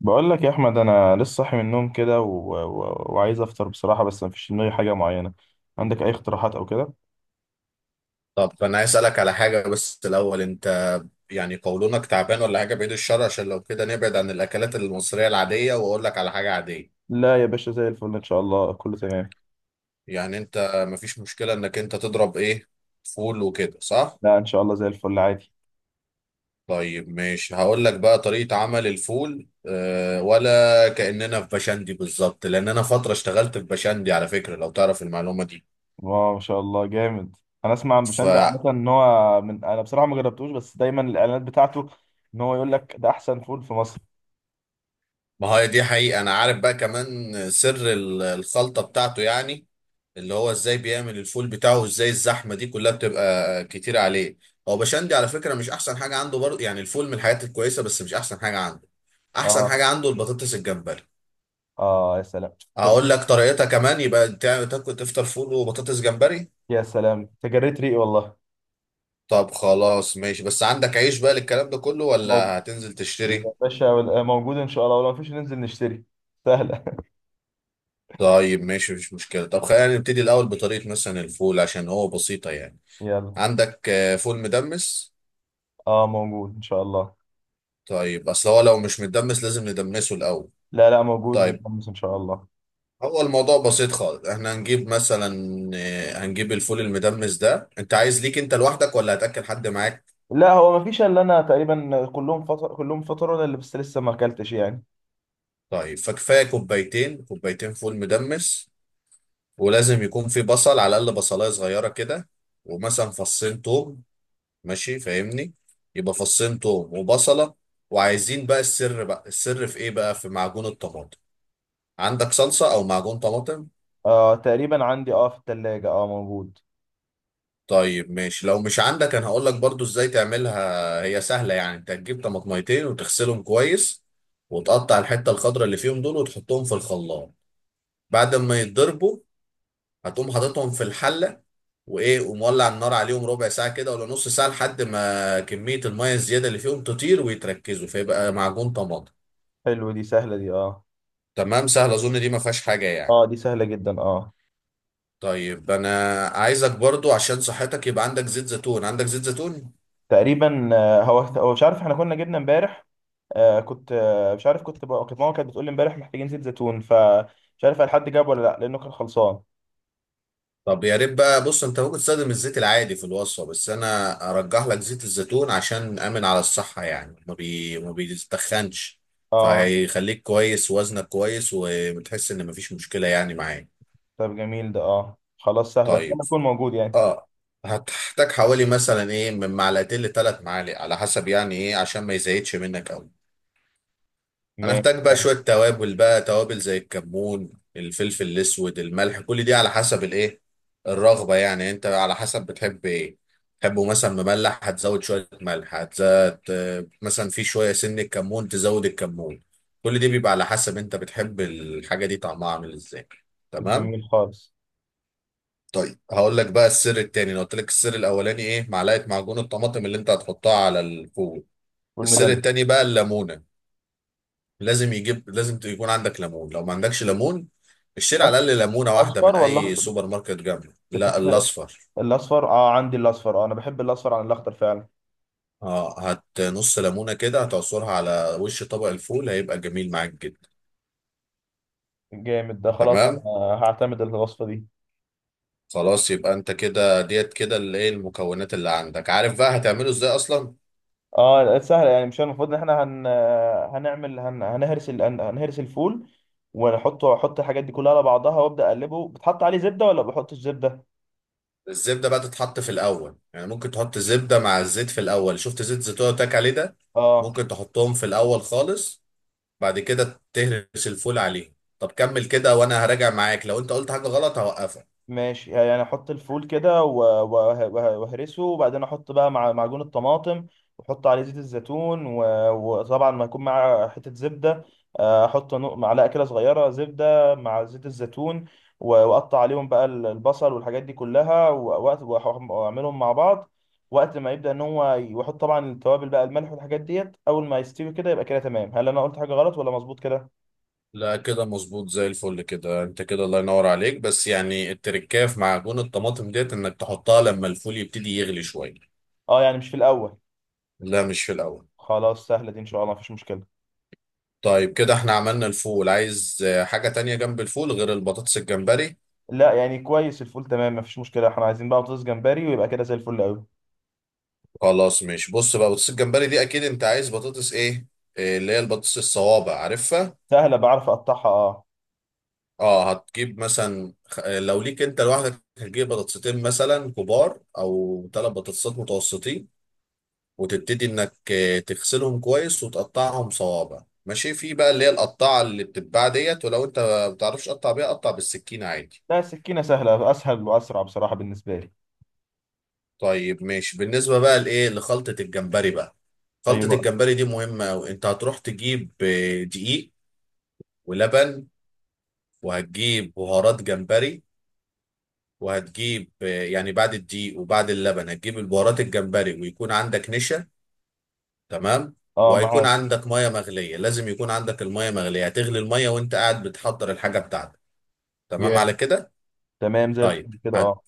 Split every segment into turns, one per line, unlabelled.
بقول لك يا احمد، انا لسه صاحي من النوم كده و... و... وعايز افطر بصراحه، بس مفيش في دماغي حاجه معينه. عندك اي اقتراحات او كده؟
طب انا عايز اسالك على حاجه بس الاول انت يعني قولونك تعبان ولا حاجه بعيد الشر عشان لو كده نبعد عن الاكلات المصريه العاديه واقول لك على حاجه عاديه.
لا يا باشا، زي الفل ان شاء الله، كله تمام.
يعني انت مفيش مشكله انك انت تضرب ايه، فول وكده صح؟
لا ان شاء الله زي الفل عادي.
طيب ماشي، هقول لك بقى طريقه عمل الفول أه، ولا كاننا في بشندي بالظبط، لان انا فتره اشتغلت في بشندي على فكره لو تعرف المعلومه دي.
واو، ما شاء الله جامد. انا اسمع عن
ف
بشنجة عامه ان هو، من انا بصراحه ما جربتوش، بس دايما الاعلانات بتاعته ان هو يقول لك ده احسن فول في مصر.
ما هي دي حقيقه، انا عارف بقى كمان سر الخلطه بتاعته يعني، اللي هو ازاي بيعمل الفول بتاعه وازاي الزحمه دي كلها بتبقى كتير عليه. هو بشندي على فكره مش احسن حاجه عنده برضه، يعني الفول من الحاجات الكويسه بس مش احسن حاجه عنده. احسن
اه.
حاجه عنده البطاطس الجمبري.
اه يا سلام. تصدق؟
اقول لك طريقتها كمان، يبقى تاكل تفطر فول وبطاطس جمبري.
يا سلام، تجريت ريقي والله.
طب خلاص ماشي، بس عندك عيش بقى للكلام ده كله ولا
موجود
هتنزل تشتري؟
يا باشا، موجود ان شاء الله، ولو مفيش ننزل نشتري. سهله.
طيب ماشي مفيش مشكله. طب خلينا نبتدي الاول بطريقه مثلا الفول عشان هو بسيطه يعني.
يلا.
عندك فول مدمس؟
اه موجود ان شاء الله.
طيب اصل هو لو مش مدمس لازم ندمسه الاول.
لا لا، موجود
طيب،
متحمس ان شاء الله.
هو الموضوع بسيط خالص. احنا هنجيب مثلا هنجيب الفول المدمس ده، انت عايز ليك انت لوحدك ولا هتاكل حد معاك؟
لا هو ما فيش الا انا تقريبا، كلهم فطر، كلهم فطروا، انا اللي بس لسه ما اكلتش يعني.
طيب، فكفايه كوبايتين، كوبايتين فول مدمس، ولازم يكون في بصل على الاقل بصلايه صغيره كده، ومثلا فصين توم، ماشي فاهمني؟ يبقى فصين توم وبصله. وعايزين بقى السر، بقى السر في ايه بقى؟ في معجون الطماطم. عندك صلصه او معجون طماطم؟
آه تقريبا عندي، اه في الثلاجة، اه موجود.
طيب ماشي، لو مش عندك انا هقول لك برضو ازاي تعملها، هي سهله يعني. انت هتجيب طماطميتين وتغسلهم كويس، وتقطع الحته الخضراء اللي فيهم دول وتحطهم في الخلاط، بعد ما يتضربوا هتقوم حاططهم في الحله، وايه ومولع النار عليهم ربع ساعه كده ولا نص ساعه لحد ما كميه الميه الزياده اللي فيهم تطير ويتركزوا، فيبقى معجون طماطم.
حلو، دي سهلة دي اه.
تمام، سهل اظن دي ما فيهاش حاجه يعني.
اه دي سهلة جدا اه.
طيب انا عايزك برضو عشان صحتك، يبقى عندك زيت زيتون؟ عندك زيت زيتون؟
تقريبا آه، هو مش عارف، احنا كنا جبنا امبارح. آه كنت، آه مش عارف، كنت بقى كانت ماما كانت بتقول لي امبارح محتاجين زيت زيتون، فمش عارف هل حد جاب ولا لا، لانه كان خلصان.
طب يا ريت بقى. بص، انت ممكن تستخدم الزيت العادي في الوصفه، بس انا ارجح لك زيت الزيتون عشان امن على الصحه، يعني ما بيتخنش،
اه.
فهيخليك كويس، وزنك كويس، وبتحس ان مفيش مشكله يعني معاك.
طب جميل ده، اه خلاص سهلة ان شاء
طيب
الله يكون موجود يعني.
اه، هتحتاج حوالي مثلا ايه، من معلقتين لثلاث معالق على حسب يعني ايه، عشان ما يزيدش منك قوي. انا
ماشي.
احتاج بقى شويه توابل بقى، توابل زي الكمون، الفلفل الاسود، الملح، كل دي على حسب الايه، الرغبه يعني، انت على حسب بتحب ايه. تحبه مثلا مملح هتزود شويه ملح، هتزود مثلا في شويه سن الكمون تزود الكمون. كل دي بيبقى على حسب انت بتحب الحاجه دي طعمها عامل ازاي. تمام.
جميل خالص.
طيب هقول لك بقى السر التاني. انا قلت لك السر الاولاني ايه، معلقه معجون الطماطم اللي انت هتحطها على الفول. السر
والمدمس.
التاني بقى الليمونه. لازم يكون عندك ليمون، لو ما عندكش ليمون اشتري
أص-
على الاقل ليمونه واحده
أصفر
من
ولا
اي
أخضر؟
سوبر ماركت جنبه، لا
بتحب
الاصفر.
الاصفر؟ اه عندي الاصفر، اه انا بحب الاصفر عن الاخضر فعلا.
اه، هات نص ليمونه كده هتعصرها على وش طبق الفول، هيبقى جميل معاك جدا.
جامد ده، خلاص انا
تمام
هعتمد الوصفه دي.
خلاص. يبقى انت كده ديت كده اللي ايه المكونات اللي عندك، عارف بقى هتعمله ازاي اصلا.
اه لقيت سهله يعني، مش المفروض ان احنا هن... هنعمل هن... هنهرس ال... هن- هنهرس الفول ونحطه، احط الحاجات دي كلها على بعضها وابدا اقلبه؟ بتحط عليه زبده ولا بحطش زبده؟
الزبده بقى تتحط في الاول، يعني ممكن تحط زبده مع الزيت في الاول، شفت زيت زيتون تاك عليه ده؟
اه
ممكن تحطهم في الاول خالص، بعد كده تهرس الفول عليه. طب كمل كده، وانا هراجع معاك لو انت قلت حاجة غلط هوقفك.
ماشي، يعني احط الفول كده و واهرسه وبعدين احط بقى مع معجون الطماطم، واحط عليه زيت الزيتون، وطبعا ما يكون معاه حتة زبدة. آه، احط معلقة كده صغيرة زبدة مع زيت الزيتون، واقطع عليهم بقى البصل والحاجات دي كلها، و واعملهم مع بعض وقت ما يبدأ ان هو واحط طبعا التوابل بقى، الملح والحاجات ديت، اول ما يستوي كده يبقى كده تمام. هل انا قلت حاجة غلط ولا مظبوط كده؟
لا كده مظبوط زي الفل كده، انت كده الله ينور عليك، بس يعني التركايه في معجون الطماطم ديت، انك تحطها لما الفول يبتدي يغلي شوية.
اه، يعني مش في الاول.
لا مش في الاول.
خلاص سهلة دي ان شاء الله، مفيش مشكلة.
طيب، كده احنا عملنا الفول. عايز حاجة تانية جنب الفول غير البطاطس الجمبري؟
لا يعني كويس، الفول تمام مفيش مشكله، احنا عايزين بقى بطاطس جمبري ويبقى كده زي الفل قوي.
خلاص. مش بص بقى، بطاطس الجمبري دي اكيد انت عايز بطاطس ايه، اللي هي البطاطس الصوابع عارفها.
سهله، بعرف اقطعها اه.
اه، هتجيب مثلا لو ليك انت لوحدك هتجيب بطاطستين مثلا كبار، او ثلاث بطاطسات متوسطين، وتبتدي انك تغسلهم كويس وتقطعهم صوابع، ماشي في بقى اللي هي القطاعه اللي بتتباع ديت، ولو انت ما بتعرفش تقطع بيها قطع بالسكينه عادي.
لا السكينه سهله، اسهل واسرع بصراحه بالنسبه لي.
طيب ماشي، بالنسبه بقى لايه، لخلطه الجمبري بقى. خلطه
ايوه.
الجمبري دي مهمه قوي، انت هتروح تجيب دقيق، ولبن، وهتجيب بهارات جمبري، وهتجيب يعني بعد الدقيق وبعد اللبن هتجيب البهارات الجمبري، ويكون عندك نشا. تمام.
اه
وهيكون
معاك.
عندك ميه مغليه، لازم يكون عندك الميه مغليه، هتغلي الميه وانت قاعد بتحضر الحاجه بتاعتك. تمام
جامد.
على كده.
تمام زي
طيب
الفل كده اه.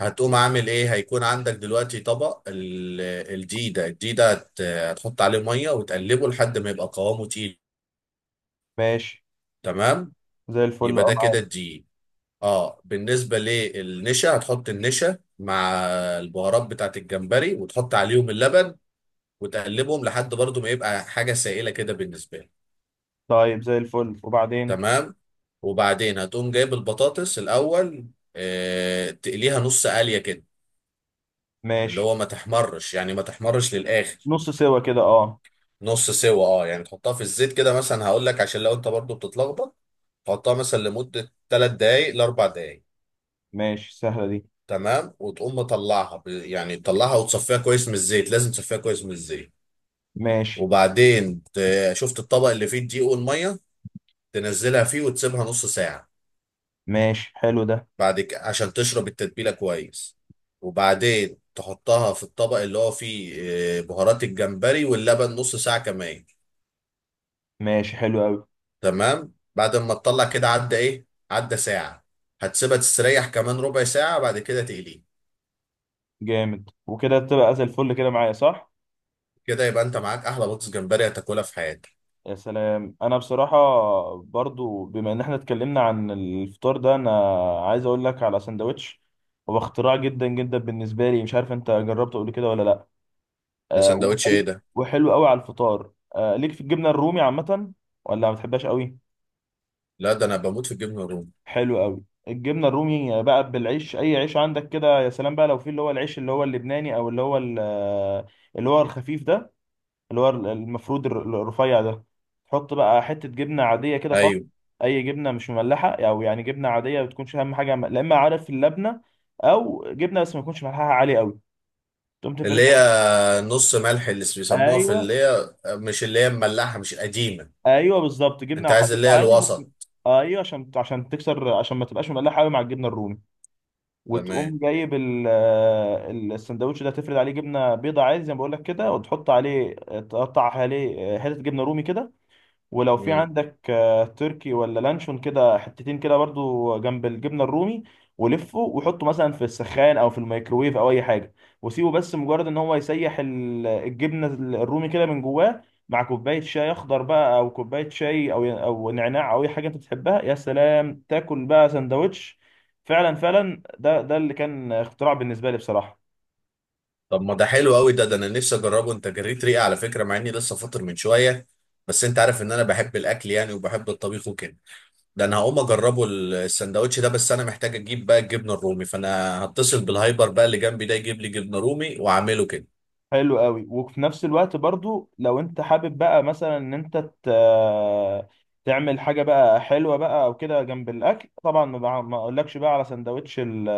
هتقوم عامل ايه، هيكون عندك دلوقتي طبق الدقيق ده. الدقيق ده هتحط عليه ميه وتقلبه لحد ما يبقى قوامه تقيل.
ماشي.
تمام.
زي الفل
يبقى
اه
ده كده
معاك.
الدقيق. اه، بالنسبه للنشا هتحط النشا مع البهارات بتاعت الجمبري، وتحط عليهم اللبن، وتقلبهم لحد برضو ما يبقى حاجة سائلة كده بالنسبة لك.
طيب زي الفل. وبعدين؟
تمام. وبعدين هتقوم جايب البطاطس الأول، تقليها نص قلية كده، اللي
ماشي.
هو ما تحمرش يعني، ما تحمرش للآخر.
نص سوا كده اه.
نص سوا اه، يعني تحطها في الزيت كده، مثلا هقول لك عشان لو انت برضو بتتلخبط، تحطها مثلا لمدة 3 دقايق ل 4 دقايق.
ماشي سهله دي.
تمام، وتقوم مطلعها يعني تطلعها وتصفيها كويس من الزيت، لازم تصفيها كويس من الزيت.
ماشي.
وبعدين شفت الطبق اللي فيه الدقيق والميه، تنزلها فيه وتسيبها نص ساعة.
ماشي حلو ده.
بعد كده عشان تشرب التتبيلة كويس، وبعدين تحطها في الطبق اللي هو فيه بهارات الجمبري واللبن، نص ساعة كمان.
ماشي حلو قوي.
تمام. بعد ما تطلع كده عدى ايه، عدى ساعة، هتسيبها تستريح كمان ربع ساعة، بعد كده تقليه.
جامد، وكده تبقى زي الفل كده معايا صح؟
كده يبقى انت معاك احلى بطاطس جمبري هتاكلها في حياتك.
يا سلام، انا بصراحه برضو بما ان احنا اتكلمنا عن الفطار ده، انا عايز اقول لك على سندوتش هو اختراع جدا جدا بالنسبه لي، مش عارف انت جربته قبل كده ولا لا.
ده
آه
سندوتش ايه
وحلو،
ده؟
وحلو قوي على الفطار. آه ليك في الجبنه الرومي عامه ولا ما بتحبهاش قوي؟
لا ده انا بموت في الجبنة الرومي.
حلو قوي. الجبنه الرومي بقى بالعيش، اي عيش عندك كده، يا سلام بقى لو في اللي هو العيش اللي هو اللبناني، او اللي هو آه، اللي هو الخفيف ده، اللي هو المفروض الرفيع ده. تحط بقى حتة جبنة عادية كده خالص.
ايوه،
أي جبنة مش مملحة، أو يعني جبنة عادية ما بتكونش أهم حاجة لا، إما عارف اللبنة، أو جبنة بس ما تكونش ملحها عالي أوي. تقوم
اللي هي
تفرشها.
نص ملح، اللي بيسموها في
أيوه.
اللي هي، مش اللي هي الملاحة، مش القديمة.
أيوه بالظبط،
انت
جبنة
عايز
حبيبة
اللي هي
عادي بس.
الوسط.
أيوه، عشان تكسر، عشان ما تبقاش مملحة أوي مع الجبنة الرومي.
تمام.
وتقوم جايب السندوتش ده، تفرد عليه جبنة بيضة عادي زي ما بقول لك كده، وتحط عليه، تقطع عليه حتة جبنة رومي كده. ولو في
مم.
عندك آه، تركي ولا لانشون كده حتتين كده برضو جنب الجبنه الرومي، ولفه وحطه مثلا في السخان او في الميكروويف او اي حاجه، وسيبه بس مجرد ان هو يسيح الجبنه الرومي كده من جواه، مع كوبايه شاي اخضر بقى، او كوبايه شاي، او نعناع او اي حاجه انت بتحبها. يا سلام تاكل بقى سندوتش! فعلا فعلا ده، ده اللي كان اختراع بالنسبه لي بصراحه.
طب ما ده حلو قوي، ده انا نفسي اجربه، انت جريت ريقي على فكره مع اني لسه فاطر من شويه. بس انت عارف ان انا بحب الاكل يعني، وبحب الطبيخ وكده. ده انا هقوم اجربه السندوتش ده، بس انا محتاج اجيب بقى الجبنه الرومي، فانا هتصل بالهايبر بقى اللي جنبي ده، يجيب لي جبنه رومي واعمله كده.
حلو قوي. وفي نفس الوقت برضو لو انت حابب بقى مثلا ان انت ت- تعمل حاجه بقى حلوه بقى او كده جنب الاكل، طبعا ما اقولكش بقى على سندوتش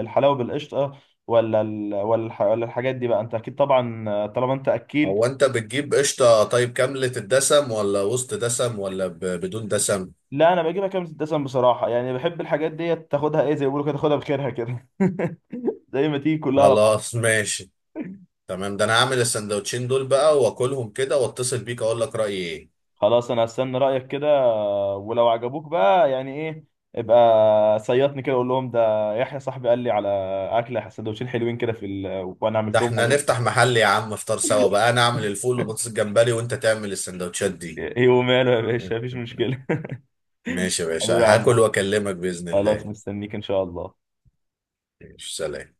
الحلاوه بالقشطه، ولا الحاجات دي بقى، انت اكيد طبعا طالما انت اكيل.
هو انت بتجيب قشطه طيب كامله الدسم، ولا وسط دسم، ولا بدون دسم؟
لا انا بجيبها كام دسم بصراحه، يعني بحب الحاجات دي تاخدها ايه، زي ما بيقولوا كده، تاخدها بخيرها كده زي ما تيجي كلها على بعض.
خلاص ماشي، تمام. ده انا هعمل السندوتشين دول بقى واكلهم كده، واتصل بيك اقول لك رايي ايه.
خلاص انا هستنى رايك كده، ولو عجبوك بقى يعني ايه، ابقى صيطني كده، قول لهم ده يحيى صاحبي قال لي على اكله سندوتشين حلوين كده في ال... وانا
ده
عملتهم
احنا
عجبوك.
نفتح محل يا عم، افطار سوا بقى، انا اعمل الفول وبطاطس الجمبري وانت تعمل السندوتشات دي.
ايه وماله يا باشا، مفيش مشكله.
ماشي يا
حبيبي
باشا،
يا عم
هاكل
أحمد.
واكلمك بإذن
خلاص
الله.
مستنيك ان شاء الله.
ماشي، سلام.